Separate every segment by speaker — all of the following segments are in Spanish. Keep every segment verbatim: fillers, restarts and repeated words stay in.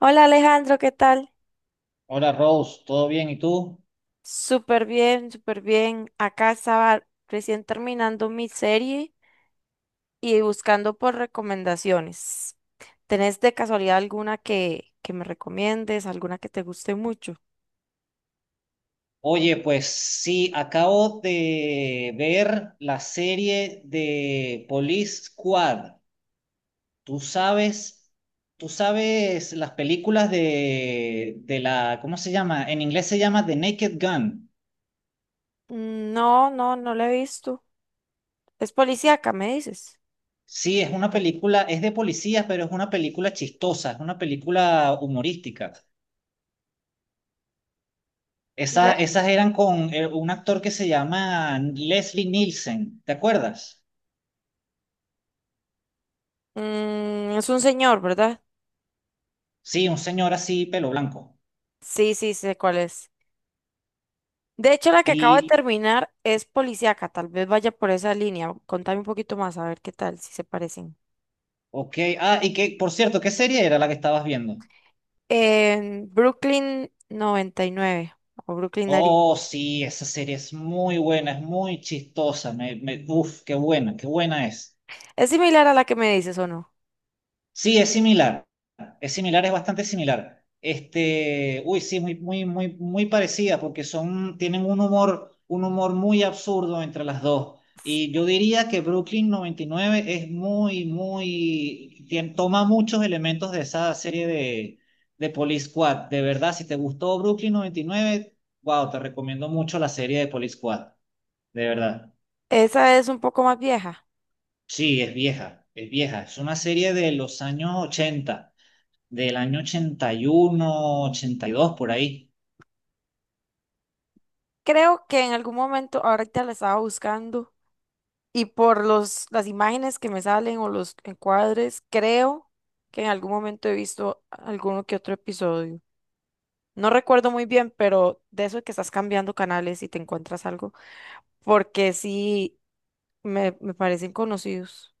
Speaker 1: Hola Alejandro, ¿qué tal?
Speaker 2: Hola Rose, ¿todo bien? ¿Y tú?
Speaker 1: Súper bien, súper bien. Acá estaba recién terminando mi serie y buscando por recomendaciones. ¿Tenés de casualidad alguna que, que me recomiendes, alguna que te guste mucho?
Speaker 2: Oye, pues sí, acabo de ver la serie de Police Squad. Tú sabes, tú sabes las películas de, de la, ¿cómo se llama? En inglés se llama The Naked Gun.
Speaker 1: Mm, no, no, no la he visto. Es policíaca, me dices.
Speaker 2: Sí, es una película, es de policías, pero es una película chistosa, es una película humorística.
Speaker 1: Y
Speaker 2: Esa-
Speaker 1: la-
Speaker 2: esas eran con eh, un actor que se llama Leslie Nielsen, ¿te acuerdas?
Speaker 1: Mm, es un señor, ¿verdad?
Speaker 2: Sí, un señor así, pelo blanco.
Speaker 1: Sí, sí, sé cuál es. De hecho, la que acabo de
Speaker 2: Y,
Speaker 1: terminar es policíaca. Tal vez vaya por esa línea. Contame un poquito más, a ver qué tal, si se parecen.
Speaker 2: ok, ah, y que, por cierto, ¿qué serie era la que estabas viendo?
Speaker 1: En Brooklyn noventa y nueve o Brooklyn Nine.
Speaker 2: Oh, sí, esa serie es muy buena, es muy chistosa, me, me, uf, qué buena, qué buena es.
Speaker 1: ¿Es similar a la que me dices o no?
Speaker 2: Sí, es similar. Es similar, es bastante similar. Este, uy, sí, muy, muy, muy, muy parecida, porque son, tienen un humor, un humor muy absurdo entre las dos. Y yo diría que Brooklyn noventa y nueve es muy, muy, tien- toma muchos elementos de esa serie de, de Police Squad. De verdad, si te gustó Brooklyn noventa y nueve, wow, te recomiendo mucho la serie de Police Squad. De verdad.
Speaker 1: Esa es un poco más vieja.
Speaker 2: Sí, es vieja, es vieja. Es una serie de los años ochenta. Del año ochenta, ochenta y uno, ochenta y dos, por ahí.
Speaker 1: Creo que en algún momento, ahorita la estaba buscando y por los, las imágenes que me salen o los encuadres, creo que en algún momento he visto alguno que otro episodio. No recuerdo muy bien, pero de eso de que estás cambiando canales y te encuentras algo, porque sí me, me parecen conocidos,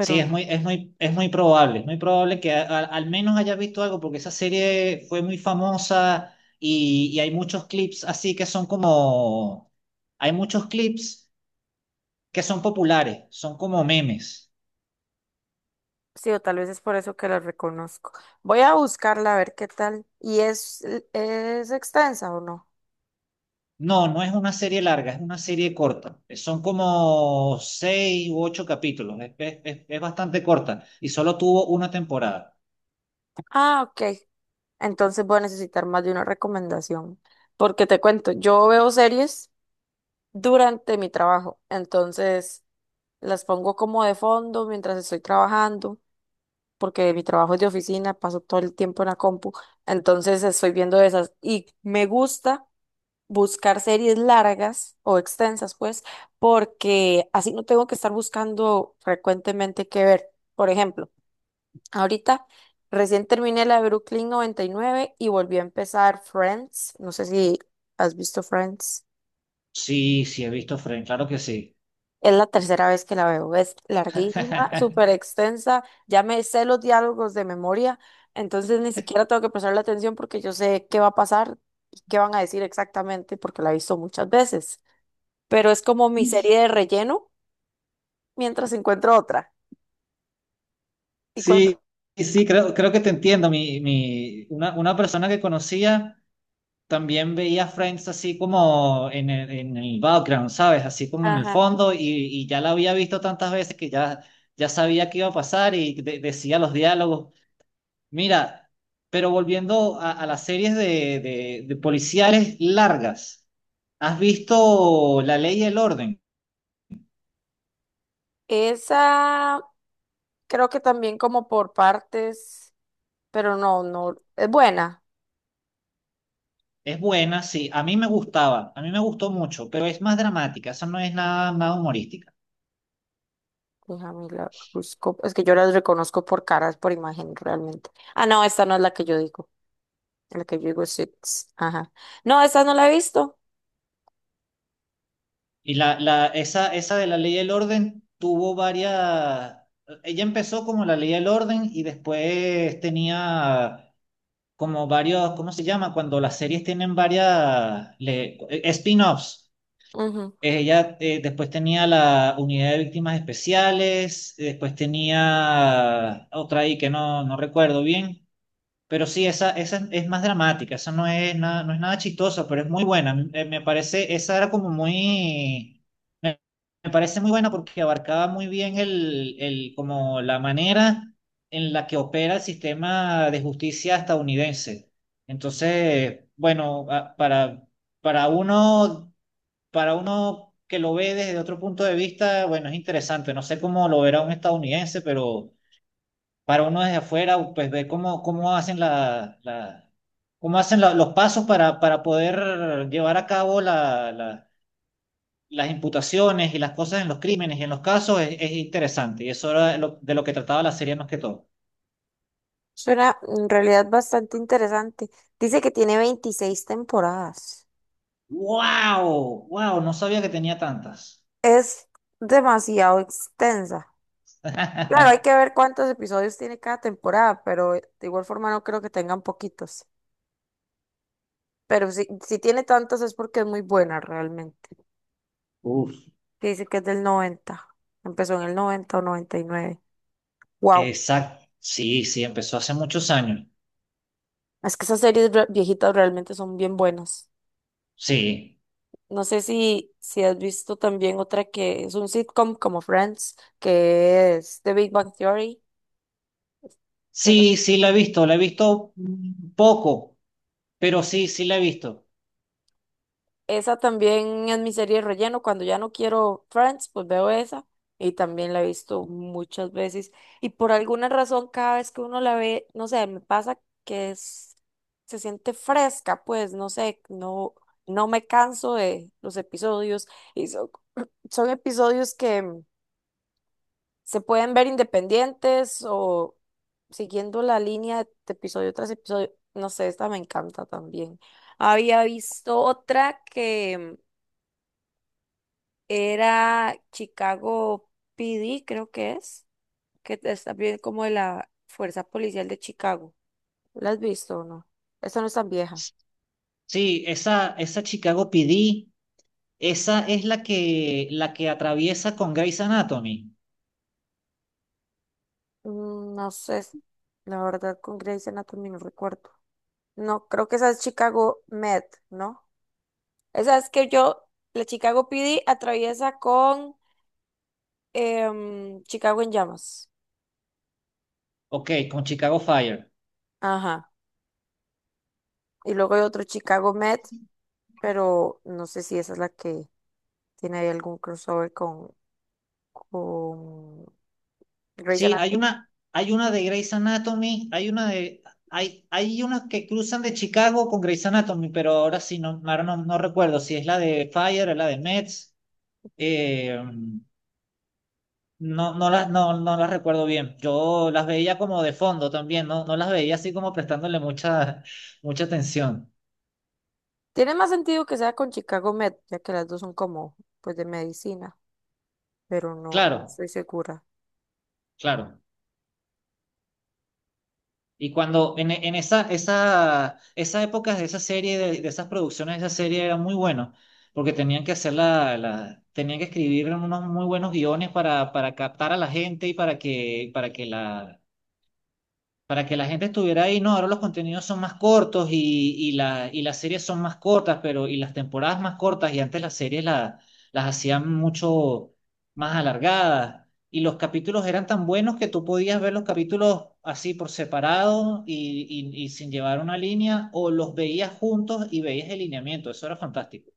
Speaker 2: Sí,
Speaker 1: no.
Speaker 2: es muy, es muy, es muy probable, es muy probable que a- a- al menos hayas visto algo, porque esa serie fue muy famosa y, y hay muchos clips así que son como, hay muchos clips que son populares, son como memes.
Speaker 1: Sí, o tal vez es por eso que la reconozco. Voy a buscarla a ver qué tal. ¿Y es, es extensa o no?
Speaker 2: No, no es una serie larga, es una serie corta. Son como seis u ocho capítulos, es, es es- es bastante corta y solo tuvo una temporada.
Speaker 1: Ah, ok. Entonces voy a necesitar más de una recomendación. Porque te cuento, yo veo series durante mi trabajo. Entonces las pongo como de fondo mientras estoy trabajando. Porque mi trabajo es de oficina, paso todo el tiempo en la compu. Entonces estoy viendo esas. Y me gusta buscar series largas o extensas, pues, porque así no tengo que estar buscando frecuentemente qué ver. Por ejemplo, ahorita recién terminé la de Brooklyn noventa y nueve y nueve y volví a empezar Friends. No sé si has visto Friends.
Speaker 2: Sí, sí, he visto Friends, claro que sí.
Speaker 1: Es la tercera vez que la veo. Es larguísima, súper extensa. Ya me sé los diálogos de memoria, entonces ni siquiera tengo que prestarle atención porque yo sé qué va a pasar y qué van a decir exactamente porque la he visto muchas veces, pero es como mi serie de relleno mientras encuentro otra. Y cuando,
Speaker 2: Sí, sí, creo, creo que te entiendo. Mi, mi, una, una persona que conocía también veía Friends así como en el, en el background, ¿sabes? Así como en el
Speaker 1: ajá,
Speaker 2: fondo y, y ya la había visto tantas veces que ya, ya sabía qué iba a pasar y de- decía los diálogos. Mira, pero volviendo a, a las series de, de, de policiales largas, ¿has visto La Ley y el Orden?
Speaker 1: esa creo que también como por partes, pero no, no, es buena.
Speaker 2: Es buena, sí. A mí me gustaba, a mí me gustó mucho, pero es más dramática, eso no es nada, nada humorística.
Speaker 1: Déjame la busco, es que yo las reconozco por caras, por imagen realmente. Ah, no, esta no es la que yo digo, la que yo digo es Six, ajá. No, esta no la he visto.
Speaker 2: Y la, la, esa, esa de la ley del orden tuvo varias. Ella empezó como la ley del orden y después tenía como varios, ¿cómo se llama? Cuando las series tienen varias le- eh, spin-offs.
Speaker 1: Ujú.
Speaker 2: Eh, Ella, eh, después tenía la unidad de víctimas especiales. Eh, después tenía otra ahí que no, no recuerdo bien. Pero sí, esa, esa es más dramática, esa no es nada, no es nada chistosa, pero es muy buena. A mí, eh, me parece, esa era como muy, me, me parece muy buena porque abarcaba muy bien el, el, como la manera en la que opera el sistema de justicia estadounidense. Entonces, bueno, a- para, para uno, para uno que lo ve desde otro punto de vista, bueno, es interesante. No sé cómo lo verá un estadounidense, pero para uno desde afuera, pues ver cómo, cómo hacen la, la- cómo hacen la- los pasos para, para poder llevar a cabo la- la- las imputaciones y las cosas en los crímenes y en los casos es, es interesante. Y eso era lo- de lo que trataba la serie más que todo.
Speaker 1: Suena en realidad bastante interesante. Dice que tiene veintiséis temporadas.
Speaker 2: ¡Wow! ¡Wow! No sabía que tenía tantas.
Speaker 1: Es demasiado extensa. Claro, hay que ver cuántos episodios tiene cada temporada, pero de igual forma no creo que tengan poquitos. Pero si, si tiene tantos es porque es muy buena realmente.
Speaker 2: Uf,
Speaker 1: Que dice que es del noventa. Empezó en el noventa o noventa y nueve. Wow.
Speaker 2: exacto. Sí, sí, empezó hace muchos años.
Speaker 1: Es que esas series re- viejitas realmente son bien buenas.
Speaker 2: Sí.
Speaker 1: No sé si, si has visto también otra que es un sitcom como Friends, que es The Big Bang Theory.
Speaker 2: Sí, sí, la he visto, la he visto mm, poco, pero sí, sí la he visto.
Speaker 1: Esa también es mi serie de relleno. Cuando ya no quiero Friends, pues veo esa. Y también la he visto muchas veces. Y por alguna razón, cada vez que uno la ve, no sé, me pasa que es, se siente fresca, pues, no sé, no, no me canso de los episodios. Y son, son episodios que mm, se pueden ver independientes o siguiendo la línea de episodio tras episodio. No sé, esta me encanta también. Había visto otra que mm, era Chicago P D, creo que es, que es también como de la Fuerza Policial de Chicago. ¿La has visto o no? Esa no es tan vieja.
Speaker 2: Sí, esa, esa Chicago P D, esa es la que, la que atraviesa con Grey's Anatomy.
Speaker 1: Mm, no sé, la verdad con Grey's Anatomy no recuerdo. No, creo que esa es Chicago Med, ¿no? Esa es que yo, la Chicago P D atraviesa con em, Chicago en llamas.
Speaker 2: Ok, con Chicago Fire.
Speaker 1: Ajá. Y luego hay otro Chicago Med, pero no sé si esa es la que tiene ahí algún crossover con, con Grey's
Speaker 2: Sí, hay
Speaker 1: Anatomy.
Speaker 2: una, hay una de Grey's Anatomy, hay una de, hay, hay una que cruzan de Chicago con Grey's Anatomy, pero ahora sí, no, ahora no, no recuerdo si es la de Fire o la de Mets. eh, no, no las, no, no las recuerdo bien. Yo las veía como de fondo también, no, no las veía así como prestándole mucha, mucha atención.
Speaker 1: Tiene más sentido que sea con Chicago Med, ya que las dos son como, pues, de medicina, pero no, no
Speaker 2: Claro,
Speaker 1: estoy segura.
Speaker 2: claro. Y cuando en, e, en esa, esa, esas épocas de esa serie, de, de esas producciones de esa serie era muy bueno, porque tenían que hacer la, la- tenían que escribir unos muy buenos guiones para, para captar a la gente y para que, para que la, para que la gente estuviera ahí. No, ahora los contenidos son más cortos y, y, la, y las series son más cortas, pero y las temporadas más cortas, y antes las series la- las hacían mucho más alargadas. Y los capítulos eran tan buenos que tú podías ver los capítulos así por separado y, y, y sin llevar una línea, o los veías juntos y veías el lineamiento. Eso era fantástico.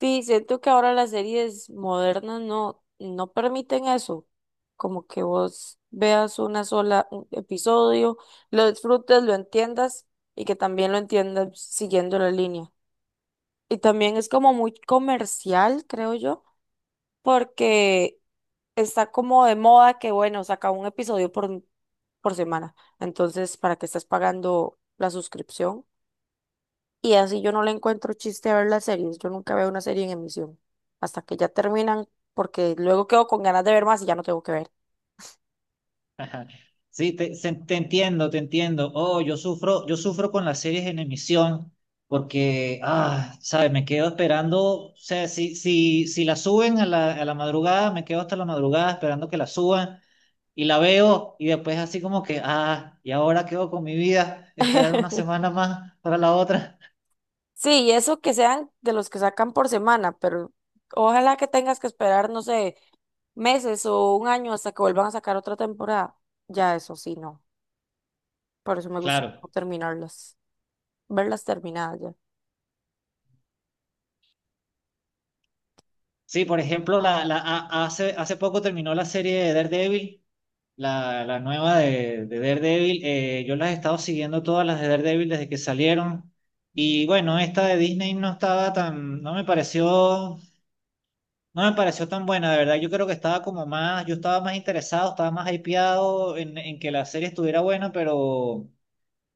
Speaker 1: Sí, siento que ahora las series modernas no, no permiten eso, como que vos veas una sola un episodio, lo disfrutes, lo entiendas y que también lo entiendas siguiendo la línea. Y también es como muy comercial, creo yo, porque está como de moda que, bueno, saca un episodio por, por semana. Entonces, ¿para qué estás pagando la suscripción? Y así yo no le encuentro chiste a ver las series. Yo nunca veo una serie en emisión hasta que ya terminan, porque luego quedo con ganas de ver más y ya no tengo que ver.
Speaker 2: Ajá. Sí, te, se- te entiendo, te entiendo. Oh, yo sufro, yo sufro con las series en emisión porque, ah, sabes, me quedo esperando, o sea, si, si, si la suben a la, a la madrugada, me quedo hasta la madrugada esperando que la suban y la veo y después así como que, ah, y ahora quedo con mi vida, esperar una semana más para la otra.
Speaker 1: Sí, y eso que sean de los que sacan por semana, pero ojalá que tengas que esperar, no sé, meses o un año hasta que vuelvan a sacar otra temporada. Ya eso sí, no. Por eso me gusta
Speaker 2: Claro.
Speaker 1: no terminarlas, verlas terminadas ya.
Speaker 2: Sí, por ejemplo, la, la, a- hace, hace poco terminó la serie de Daredevil. La, la nueva de, de Daredevil, eh, yo las he estado siguiendo todas las de Daredevil desde que salieron. Y bueno, esta de Disney no estaba tan, no me pareció, no me pareció tan buena, de verdad. Yo creo que estaba como más, yo estaba más interesado, estaba más hypeado en, en que la serie estuviera buena, pero,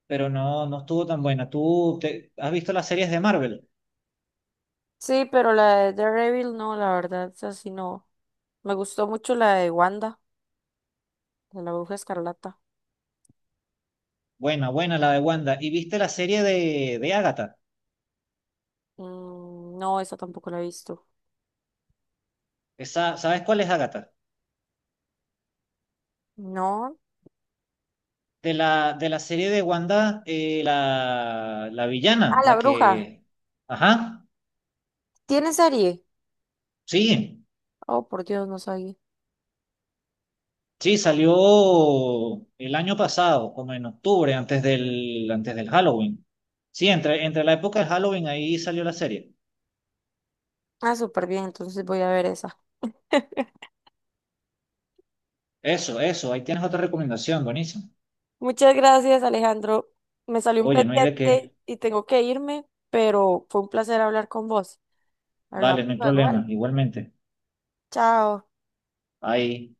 Speaker 2: pero no, no estuvo tan buena. ¿Tú te- has visto las series de Marvel?
Speaker 1: Sí, pero la de Daredevil no, la verdad, es así no. Me gustó mucho la de Wanda, de la Bruja Escarlata.
Speaker 2: Buena, buena la de Wanda. ¿Y viste la serie de, de Agatha?
Speaker 1: Mm, no, esa tampoco la he visto.
Speaker 2: Esa, ¿sabes cuál es Agatha?
Speaker 1: No.
Speaker 2: de la, de la serie de Wanda, eh, la, la villana,
Speaker 1: Ah, la
Speaker 2: la
Speaker 1: Bruja.
Speaker 2: que. Ajá,
Speaker 1: ¿Tiene serie?
Speaker 2: sí,
Speaker 1: Oh, por Dios, no sabía.
Speaker 2: sí, salió el año pasado, como en octubre, antes del, antes del Halloween. Sí, entre, entre la época del Halloween ahí salió la serie.
Speaker 1: Ah, súper bien, entonces voy a ver esa.
Speaker 2: Eso, eso, ahí tienes otra recomendación, buenísimo.
Speaker 1: Muchas gracias, Alejandro. Me salió un
Speaker 2: Oye, no hay de
Speaker 1: pendiente
Speaker 2: qué.
Speaker 1: y tengo que irme, pero fue un placer hablar con vos. Hablamos
Speaker 2: Vale, no hay
Speaker 1: luego, ¿vale?
Speaker 2: problema, igualmente.
Speaker 1: Chao.
Speaker 2: Ahí.